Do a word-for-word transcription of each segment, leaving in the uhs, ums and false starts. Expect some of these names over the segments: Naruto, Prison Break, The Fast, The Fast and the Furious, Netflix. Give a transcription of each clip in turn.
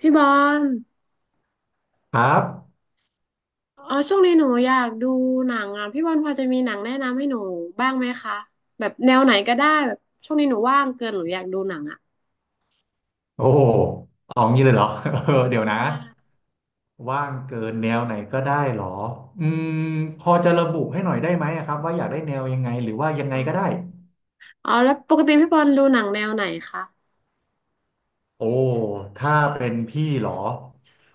พี่บอลครับอ๋อช่วงนี้หนูอยากดูหนังอ่ะพี่บอลพอจะมีหนังแนะนำให้หนูบ้างไหมคะแบบแนวไหนก็ได้แบบช่วงนี้หนูว่างเกินหนูอยากดูหนังอ่ะโอ้โหเอางี้เลยเหรอ เออ เดี๋ยวนะอ่าว่างเกินแนวไหนก็ได้เหรออืมพอจะระบุให้หน่อยได้ไหมอะครับว่าอยากได้แนวยังไงหรือว่ายังไงอ๋อก็ได้อ๋อแล้วปกติพี่บอลดูหนังแนวไหนคะโอ้ถ้าเป็นพี่เหรอ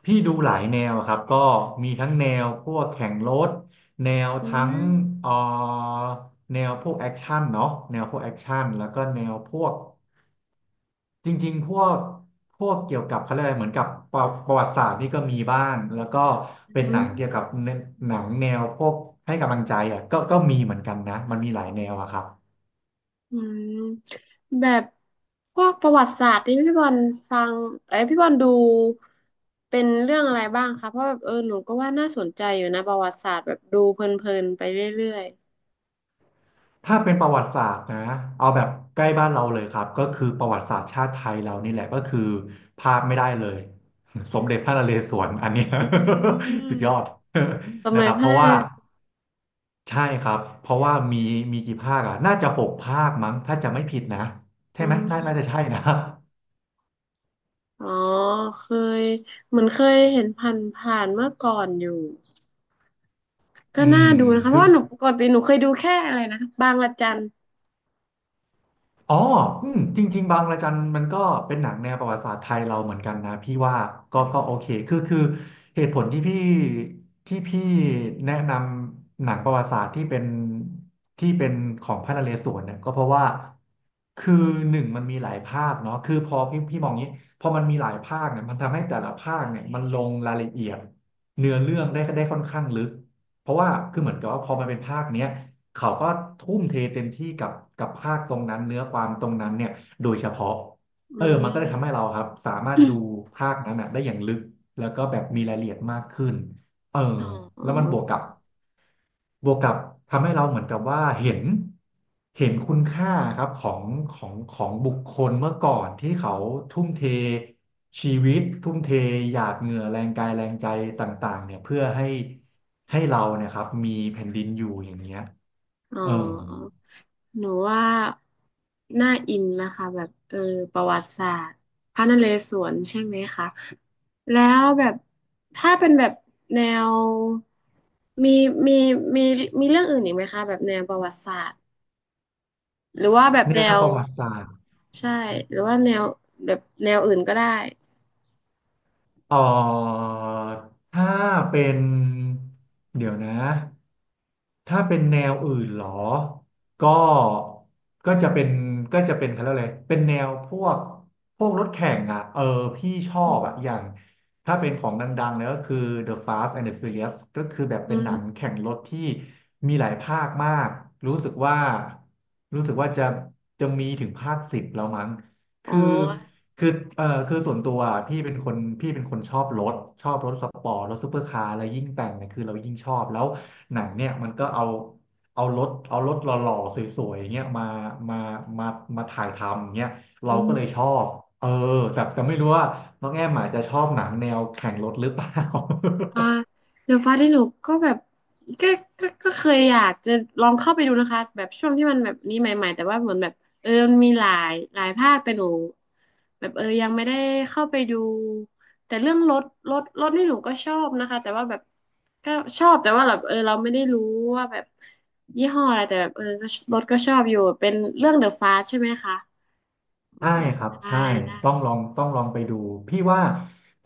พี่ดูหลายแนวอะครับก็มีทั้งแนวพวกแข่งรถแนวอืทั้งมเอ่อแนวพวกแอคชั่นเนาะแนวพวกแอคชั่นแล้วก็แนวพวก จริงๆพวกพวกเกี่ยวกับเขาเรียกอะไรเหมือนกับประประวัติศาสตร์นี่ก็มีบ้างแล้วก็เป็นอืหนัมงเกี่ยวกับเนหนังแนวพวกให้กำลังใจอ่ะก็ก็มีเหมือนกันนะมันมีหลายแนวอะครับอืมแบบพวกประวัติศาสตร์ที่พี่บอลฟังเอ้ยพี่บอลดูเป็นเรื่องอะไรบ้างคะเพราะแบบเออหนูก็ว่าน่าสนใจอยู่นะประวัติศาสตร์แบบดูเพลินๆไปเรื่อยถ้าเป็นประวัติศาสตร์นะเอาแบบใกล้บ้านเราเลยครับก็คือประวัติศาสตร์ชาติไทยเรานี่แหละก็คือพลาดไม่ได้เลย สมเด็จพระนเรศวรอันเนี้ย ๆอื มสุดยอด สม นะเด็คจรับ พเพระราะนาว่า ง ใช่ครับ เพราะว่ามีมีกี่ภาคอ่ะน่าจะหกภาคมั้ง ถ้าจะไม่ผิดนะ ใช่อืไหมน่าน่าจะมใช่นะ อ๋อเคยเหมือนเคยเห็นผ่านผ่านเมื่อก่อนอยู่ ก็อืน่ามดูนะคะเพคือ ราะว่าหนูปกติหนูเคยดูแค่อะไรนะบางระจันอ๋ออืมจริงๆบางระจันมันก็เป็นหนังแนวประวัติศาสตร์ไทยเราเหมือนกันนะพี่ว่าก็อืก็โอเคมคือคือเหตุผลที่พี่ที่พี่แนะนำหนังประวัติศาสตร์ที่เป็นที่เป็นของพระนเรศวรเนี่ยก็เพราะว่าคือหนึ่งมันมีหลายภาคเนาะคือพอพี่พี่มองงี้พอมันมีหลายภาคเนี่ยมันทำให้แต่ละภาคเนี่ยมันลงรายละเอียดเนื้อเรื่องได้ได้ค่อนข้างลึกเพราะว่าคือเหมือนกับว่าพอมันเป็นภาคเนี้ย เขาก็ทุ่มเทเต็มที่กับกับภาคตรงนั้นเนื้อความตรงนั้นเนี่ยโดยเฉพาะอืเออมันก็เลยทำให้เรามครับสามารถดูภาคนั้นอ่ะได้อย่างลึกแล้วก็แบบมีรายละเอียดมากขึ้นเอออ๋แล้วมันบอวกกับบวกกับทำให้เราเหมือนกับว่าเห็นเห็นคุณค่าครับของของของบุคคลเมื่อก่อนที่เขาทุ่มเทชีวิตทุ่มเทหยาดเหงื่อแรงกายแรงใจต่างๆเนี่ยเพื่อให้ให้เราเนี่ยครับมีแผ่นดินอยู่อย่างเงี้ย อ๋อเออหนูว่าน่าอินนะคะแบบเออประวัติศาสตร์พระนเรศวรใช่ไหมคะแล้วแบบถ้าเป็นแบบแนวมีมีมีมีเรื่องอื่นอีกไหมคะแบบแนวประวัติศาสตร์ หรือว่าแบบแนแนววประวัติศาสตร์ใช่หรือว่าแนวแบบแนวอื่นก็ได้เอ่อถ้าเป็นเดี๋ยวนะ ถ้าเป็นแนวอื่นเหรอ ก็ก็จะเป็นก็จะเป็นเขาเรียกอะไรเป็นแนวพวกพวกรถแข่งอ่ะเออพี่ชออืบมอ่ะอย่าง ถ้าเป็นของดังๆเลยก็คือ The Fast and the Furious ก็คือแบบอืเป็นหนังมแข่งรถที่มีหลายภาคมาก รู้สึกว่า รู้สึกว่าจะจะมีถึงภาคสิบแล้วมั้งอ๋อคือคือเออคือส่วนตัวอะพี่เป็นคนพี่เป็นคนชอบรถ ชอบรถสปอร์ตรถซูเปอร์คาร์อะไรยิ่งแต่งเนี่ยคือเรายิ่งชอบแล้ว หนังเนี่ยมันก็เอาเอารถเอารถหล่อๆสวยๆอย่างเงี้ยมามามามาถ่ายทำอย่างเงี้ยอืเราก็เลยชมอบเออแต่แต่ไม่รู้ว่าน้องแอมอาจจะชอบหนังแนวแข่งรถหรือเปล่า อ่าเดอะฟาสที่หนูก็แบบก็ก็ก็เคยอยากจะลองเข้าไปดูนะคะแบบช่วงที่มันแบบนี้ใหม่ๆแต่ว่าเหมือนแบบเออมันมีหลายหลายภาคแต่หนู แบบเออยังไม่ได้เข้าไปดูแต่เรื่องรถรถรถนี่หนูก็ชอบนะคะแต่ว่าแบบก็ชอบแต่ว่าแบบเออเราไม่ได้รู้ว่าแบบยี่ห้ออะไรแต่แบบเออก็รถก็ชอบอยู่เป็นเรื่องเดอะฟาสใช่ไหมคะอ๋อใช่ครับได้ใช่ได้ ต้องลองต้องลองไปดูพี่ว่า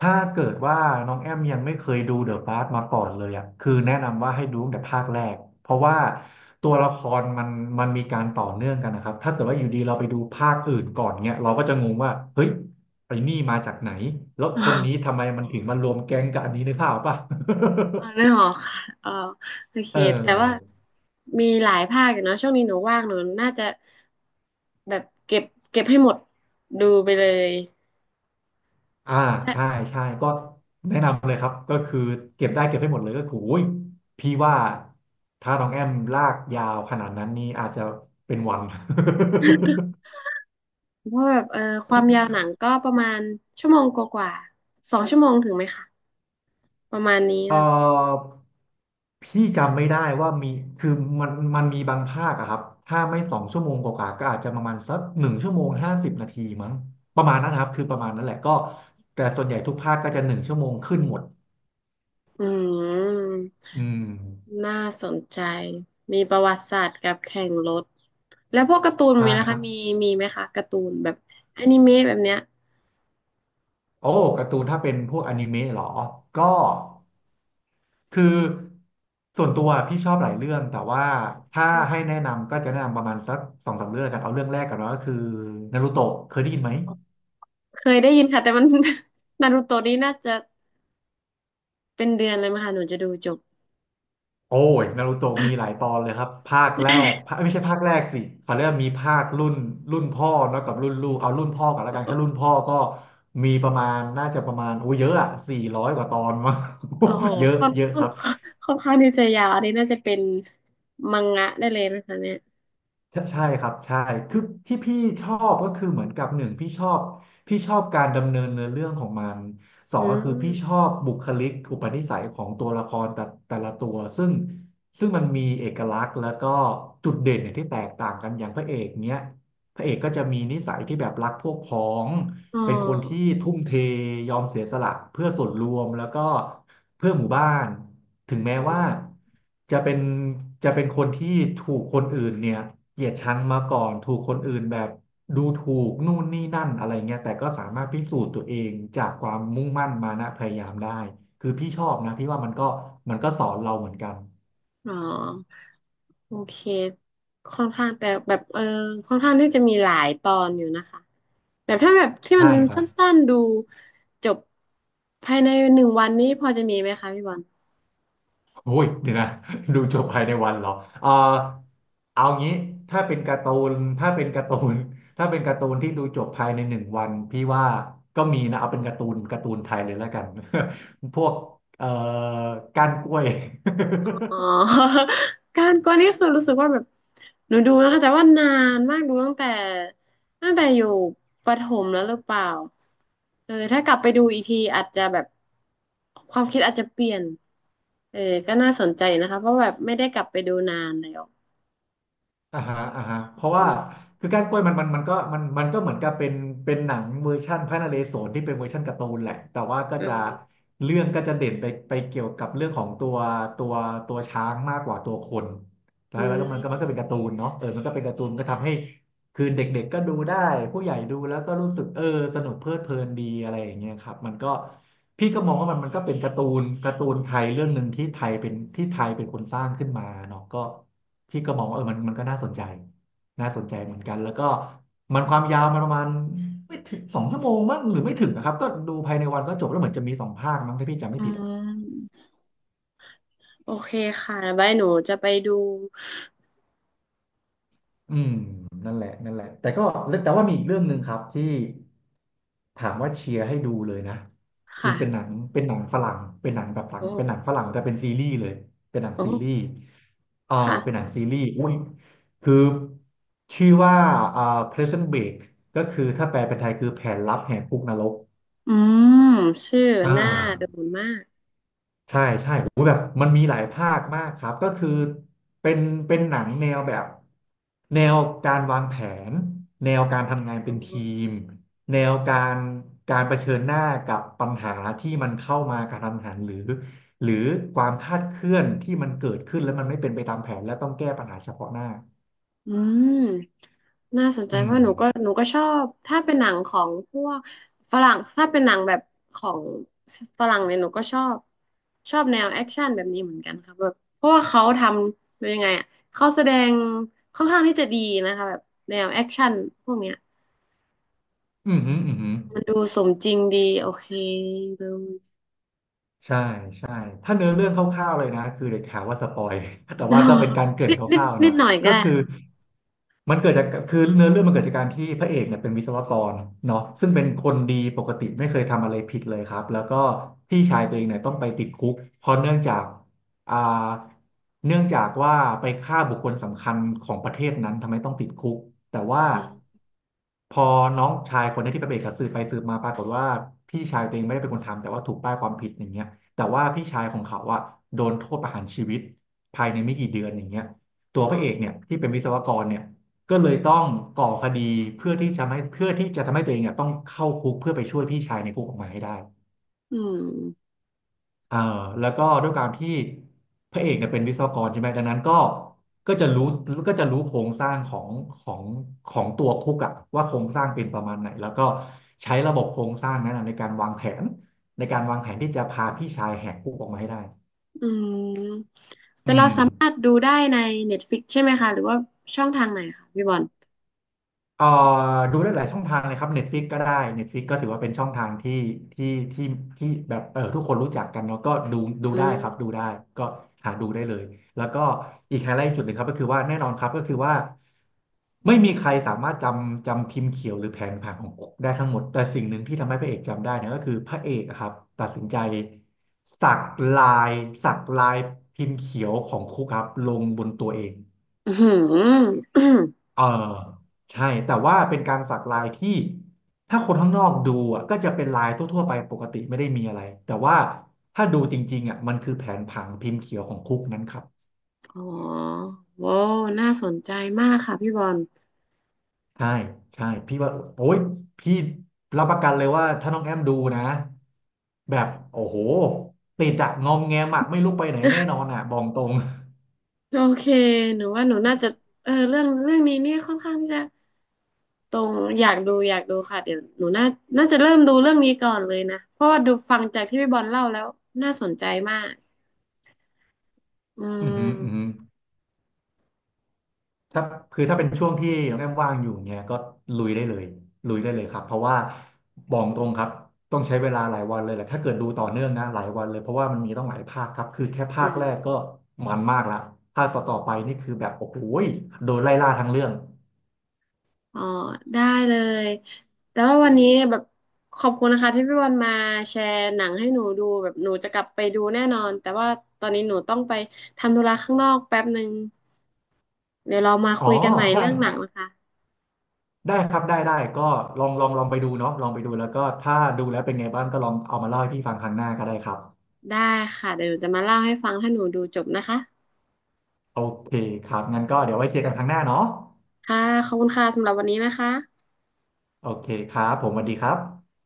ถ้าเกิดว่าน้องแอมยังไม่เคยดูเดอะพาร์มาก่อนเลยอ่ะคือแนะนำว่าให้ดูตั้งแต่ภาคแรกเพราะว่าตัวละครมันมันมีการต่อเนื่องกันนะครับถ้าเกิดว่าอยู่ดีเราไปดูภาคอื่นก่อนเนี้ยเราก็จะงงว่าเฮ้ยไอ้นี่มาจากไหนแล้วคนนี้ทำไม มันถึงมารวมแก๊งกับอันนี้นึกภาพออกป่ะ อ๋อนึหองหอกค่ะอ๋อโอเค เออ แต่ว่ามีหลายภาคอยู่เนาะช่วงนี้หนูว่างหนูน่าจะแบบเก็บเก็บให้หมดดูไปเลย อ่าใช่ใช่ก็แนะนำเลยครับก็คือเก็บได้เก็บให้หมดเลยก็คือโอ้ยพี่ว่าถ้าน้องแอมลากยาวขนาดนั้นนี่อาจจะเป็นวัน เพราะแบบเออความยาวหนังก็ประมาณชั่วโมงกว่าๆสองชั่วโมงถึงไหมคะประมาณนี้เอ่เนอะอพี่จำไม่ได้ว่ามีคือมันมันมีบางภาคอะครับถ้าไม่สองชั่วโมงกว่าๆก็อาจจะประมาณสักหนึ่งชั่วโมงห้าสิบนาทีมั้งประมาณนั้นนะครับคือประมาณนั้นแหละก็แต่ส่วนใหญ่ทุกภาคก็จะหนึ่งชั่วโมงขึ้นหมดอืมอืมน่าสนใจมีประวัติศาสตร์กับแข่งรถแล้วพวกการ์ตูนใช่มี้วคคะรัมีบมีไหมคะการ์ตูนแบบอนิเมะแบบเนี้ยโอ้การ์ตูนถ้าเป็นพวกอนิเมะเหรอก็ คือส่วนตัวพี่ชอบหลายเรื่องแต่ว่าถ้าอืมให้แนะนำก็จะแนะนำประมาณสักสองสามเรื่องกันเอาเรื่องแรกกันเนอะก็คือนารูโตะเคยได้ยินไหมเคยได้ยินค่ะแต่มัน นารูโตะนี่น่าจะเป็นเดือนเลยมั้ยคะหนูจะดูจบ โอ้ยนารูโตะมีหลายตอนเลยครับภาคแรก ภาคไม่ใช่ภาคแรกสิเขาเรียกว่ามีภาครุ่นรุ่นพ่อเนอะกับรุ่นลูกเอารุ่นพ่อกันแล้วโอ้กันโหแค่รุ่นพ่อก็มีประมาณน่าจะประมาณโอ้เยอะอะสี่ร้อยกว่าตอนมา โอ้โห เยอะค่อนเยอะค่อคนรับ ค่อนข้างที่จะยาวอันนี้น่าจะเป็นมังงะได้เลยนะคะเนี่ยใช่ใช่ครับใช่คือที่พี่ชอบก็คือเหมือนกับหนึ่งพี่ชอบพี่ชอบการดำเนินเนื้อเรื่องของมันสออืงก็คือพี่ชอมบบุคลิกอุปนิสัยของตัวละครแต่แต่ละตัวซึ่งซึ่งมันมีเอกลักษณ์แล้วก็จุดเด่นเนี่ยที่แตกต่างกันอย่างพระเอกเนี้ยพระเอกก็จะมีนิสัยที่แบบรักพวกพ้อง อ๋อ เป็นคนที่ทุ่มเทยอมเสียสละเพื่อส่วนรวมแล้วก็เพื่อหมู่บ้านถึงแม้อืมว่าจะเป็นจะเป็นคนที่ถูกคนอื่นเนี่ยเกลียดชังมาก่อนถูกคนอื่นแบบดูถูกนู่นนี่นั่นอะไรเงี้ยแต่ก็สามารถพิสูจน์ตัวเองจากความมุ่งมั่นมานะพยายามได้คือพี่ชอบนะพี่ว่ามันก็มันก็สอนเราเหมือนกันอ๋อโอเคค่อนข้างแต่แบบเออค่อนข้างที่จะมีหลายตอนอยู่นะคะแบบถ้าแบบที่มัใช่นคสรับ ั้นๆดูจบภายในหนึ่งวันนี้พอจะมีไหมคะพี่บอล โอ้ยเดี๋ยวนะ ดูจบภายในวันเหรอเออเอางี้ถ้าเป็นการ์ตูนถ้าเป็นการ์ตูน ถ้าเป็นการ์ตูนที่ดูจบภายในหนึ่งวันพี่ว่าก็มีนะเอาเป็นการ์ตูนการ์ตูนไทยเลยแล้วกัน พวกเอ่อก้านกล้วย อ๋อ การกวนนี่คือรู้สึกว่าแบบหนูดูนะคะแต่ว่านานมากดูตั้งแต่ตั้งแต่อยู่ประถมแล้วหรือเปล่าเออถ้ากลับไปดูอีกทีอาจจะแบบความคิดอาจจะเปลี่ยนเออก็น่าสนใจนะคะเพราะแบบไม่ได้กลับไปดูนานแล้วอ่าฮะอ่าฮะเพราะอืว่ามคือก้านกล้วยมันมันมันก็มันมันก็เหมือนกับเป็นเป็นหนังเวอร์ชั่นพระนเรศวรที่เป็นเวอร์ชั่นการ์ตูนแหละแต่ว่าก็อืจะมเรื่องก็จะเด่นไปไปเกี่ยวกับเรื่องของตัวตัวตัวช้างมากกว่าตัวคนแล้อืวแล้วก็มันก็มันก็เป็มนการ์ตูนเนาะเออมันก็เป็นการ์ตูนมันก็ทำให้ คือเด็กๆก็ดูได้ผู้ใหญ่ดูแล้วก็รู้สึกเออสนุกเพลิดเพลินดีอะไรอย่างเงี้ยครับมันก็พี่ก็มองว่ามันมันก็เป็นการ์ตูนการ์ตูนไทยเรื่องหนึ่งที่ไทยเป็นที่ไทยเป็นคนสร้างขึ้นมาเนาะก็พี่ก็มองว่าเออมันมันก็น่าสนใจน่าสนใจเหมือนกันแล้วก็มันความยาวมันประมาณไม่ถึงสองชั่วโมงมั้งหรือไม่ถึงนะครับก็ดูภายในวันก็จบแล้วเหมือนจะมีสองภาคมั้งถ้าพี่จำไม่อืผิด มโอเคค่ะบายหนูจะไปดูอืมนั่นแหละนั่นแหละแต่ก็แต่ว่ามีอีกเรื่องหนึ่งครับที่ถามว่าเชียร์ให้ดูเลยนะคือค่ะเป็นหนังเป็นหนังฝรั่งเป็นหนังแบบฝรั่งเป็นหนัโอ้งฝรั่งแต่เป็นซีรีส์เลยเป็นหนังโอซีรีส์้อ่าเป็นหนังค่ะซีรีส์อุ้ยคือชื่อว่าอ่า Prison Break ก็คือถ้าแปลเป็นไทยคือแผนลับแหกคุกนรกอืมชื่ออ่า น่าดูมากใช่ใช่โอ้โหแบบมันมีหลายภาคมากครับก็คือเป็นเป็นหนังแนวแบบแนวการวางแผนแนวการทำงานอ๋เป็นอ ทีมแนวการการเผชิญหน้ากับปัญหาที่มันเข้ามากระทันหันหรือหรือความคาดเคลื่อนที่มันเกิดขึ้นแล้วมันไม่เป็นไปตามแผนและต้องแก้ปัญหาเฉพาะหน้าอืมน่าสนใจอืเพมราะหนูก็หนูก็ชอบถ้าเป็นหนังของพวกฝรั่งถ้าเป็นหนังแบบของฝรั่งเนี่ยหนูก็ชอบชอบแนวแอคชั่นแบบนี้เหมือนกันครับแบบเพราะว่าเขาทำเป็นยังไงอ่ะเขาแสดงค่อนข้างที่จะดีนะคะแบบแนวแอคชั่นพวกเนี้ยอืมอหืมออือหือ มันดูสมจริงดีโอเคดู ใช่ใช่ถ้าเนื้อเรื่องคร่าวๆเลยนะคือเด็กถามว่าสปอย แต่ อ๋อว่าก็เป็นการเกริ่นนิดคนิดร่าวๆนิดเนาะหน่อยก็ก็ได้คืคอรับมันเกิดจากคือเนื้อเรื่องมันเกิดจากการที่พระเอกเนี่ยเป็นวิศวกรเนาะซึ่งเป็นคนดีปกติไม่เคยทำอะไรผิดเลยครับแล้วก็พี่ชายตัวเองเนี่ยต้องไปติดคุกเพราะเนื่องจาก อ่าเนื่องจากว่าไปฆ่าบุคคลสำคัญของประเทศนั้นทำไมต้องติดคุกแต่ว่าอืมพอน้องชายคนนี้ที่ไปเบรกับสืบไปสืบมาปรากฏว่าพี่ชายตัวเองไม่ได้เป็นคนทำแต่ว่าถูกป้ายความผิดอย่างเงี้ยแต่ว่าพี่ชายของเขาอะโดนโทษประหารชีวิตภายในไม่กี่เดือนอย่างเงี้ยตัวอ๋พอระเอกเนี่ยที่เป็นวิศวกรเนี่ยก็เลยต้องก่อคดีเพื่อที่จะไม่เพื่อที่จะทำให้ตัวเองเนี่ยต้องเข้าคุกเพื่อไปช่วยพี่ชายในคุกออกมาให้ได้ อืม เอ่อแล้วก็ด้วยการที่พระเอกเนี่ยเป็นวิศวกรใช่ไหมดังนั้นก็ก็จะรู้ก็จะรู้โครงสร้างของของของตัวคุกอะว่าโครงสร้างเป็นประมาณไหนแล้วก็ใช้ระบบโครงสร้างนั้นอะในการวางแผนในการวางแผนที่จะพาพี่ชายแหกคุกออกมาให้ได้อืมอืแต่เราม สามารถดูได้ใน Netflix ใช่ไหมคะหรือว่าช่องทางไหนคะพี่บอลเอ่อดูได้หลายช่องทางเลยครับ Netflix ก็ได้ Netflix ก็ถือว่าเป็นช่องทางที่ที่ที่ที่แบบเออทุกคนรู้จักกันเนาะก็ดูดูอืได้ครับดูได้มก็หาดูได้เลยแล้วก็อีกไฮไลท์จุดหนึ่งครับก็คือว่าแน่นอนครับก็คือว่าไม่มีใครสามารถจำจำพิมพ์เขียวหรือแผนผังของคุกได้ทั้งหมดแต่สิ่งหนึ่งที่ทำให้พระเอกจำได้เนี่ยก็คือพระเอกอะครับตัดสินใจสักลายสักลายพิมพ์เขียวของคุกครับลงบนตัวเอง อืม อหืออเออใช่แต่ว่าเป็นการสักลายที่ถ้าคนข้างนอกดูอ่ะก็จะเป็นลายทั่วๆไปปกติไม่ได้มีอะไรแต่ว่าถ้าดูจริงๆอ่ะมันคือแผนผังพิมพ์เขียวของคุกนั้นครับอ๋อโว้วน่าสนใจมากค่ะพี่บอลใช่ใช่พี่ว่าโอ้ยพี่รับประกันเลยว่าถ้าน้องแอมดูนะแบบโอ้โหติดอะงอมแงมอะไม่ลุกไปไหนแน่นอนอะบอกตรง โอเคหนูว่าหนูน่าจะเออเรื่องเรื่องนี้เนี่ยค่อนข้างที่จะตรงอยากดูอยากดูค่ะเดี๋ยวหนูน่าน่าจะเริ่มดูเรื่องนี้ก่อนเลยนะเพราะว่าดูฟังจากที่พี่บอลเล่าแล้วน่าสนใจมากอื อือหืออือหือ มถ้าคือถ้าเป็นช่วงที่น้องแอมว่างอยู่เนี่ยก็ลุยได้เลยลุยได้เลยครับเพราะว่าบอกตรงครับต้องใช้เวลาหลายวันเลยแหละถ้าเกิดดูต่อเนื่องนะหลายวันเลยเพราะว่ามันมีต้องหลายภาคครับคือแค่อืภาคม แรกก็มันมากละภาคต่อๆไปนี่คือแบบโอ้โหยโดนไล่ล่าทั้งเรื่องอ๋อได้เลยแต่ว่าวันนี้แบบขอบคุณนะคะที่พี่วันมาแชร์หนังให้หนูดูแบบหนูจะกลับไปดูแน่นอนแต่ว่าตอนนี้หนูต้องไปทำธุระข้างนอกแป๊บหนึ่งเดี๋ยวเรามาอ๋อคุยกันใหม่ได้เรื่องหนังนะคะได้ครับได้ได้ก็ลองลองลองไปดูเนาะลองไปดูแล้วก็ถ้าดูแล้วเป็นไงบ้างก็ลองเอามาเล่าให้พี่ฟังครั้งหน้าก็ได้ครับได้ค่ะเดี๋ยวหนูจะมาเล่าให้ฟังถ้าหนูดูจบนะคะโอเคครับงั้นก็เดี๋ยวไว้เจอกันครั้งหน้าเนาะค่ะขอบคุณค่ะสำหรับวันนี้นะคะโอเคครับผมสวัสดีครับ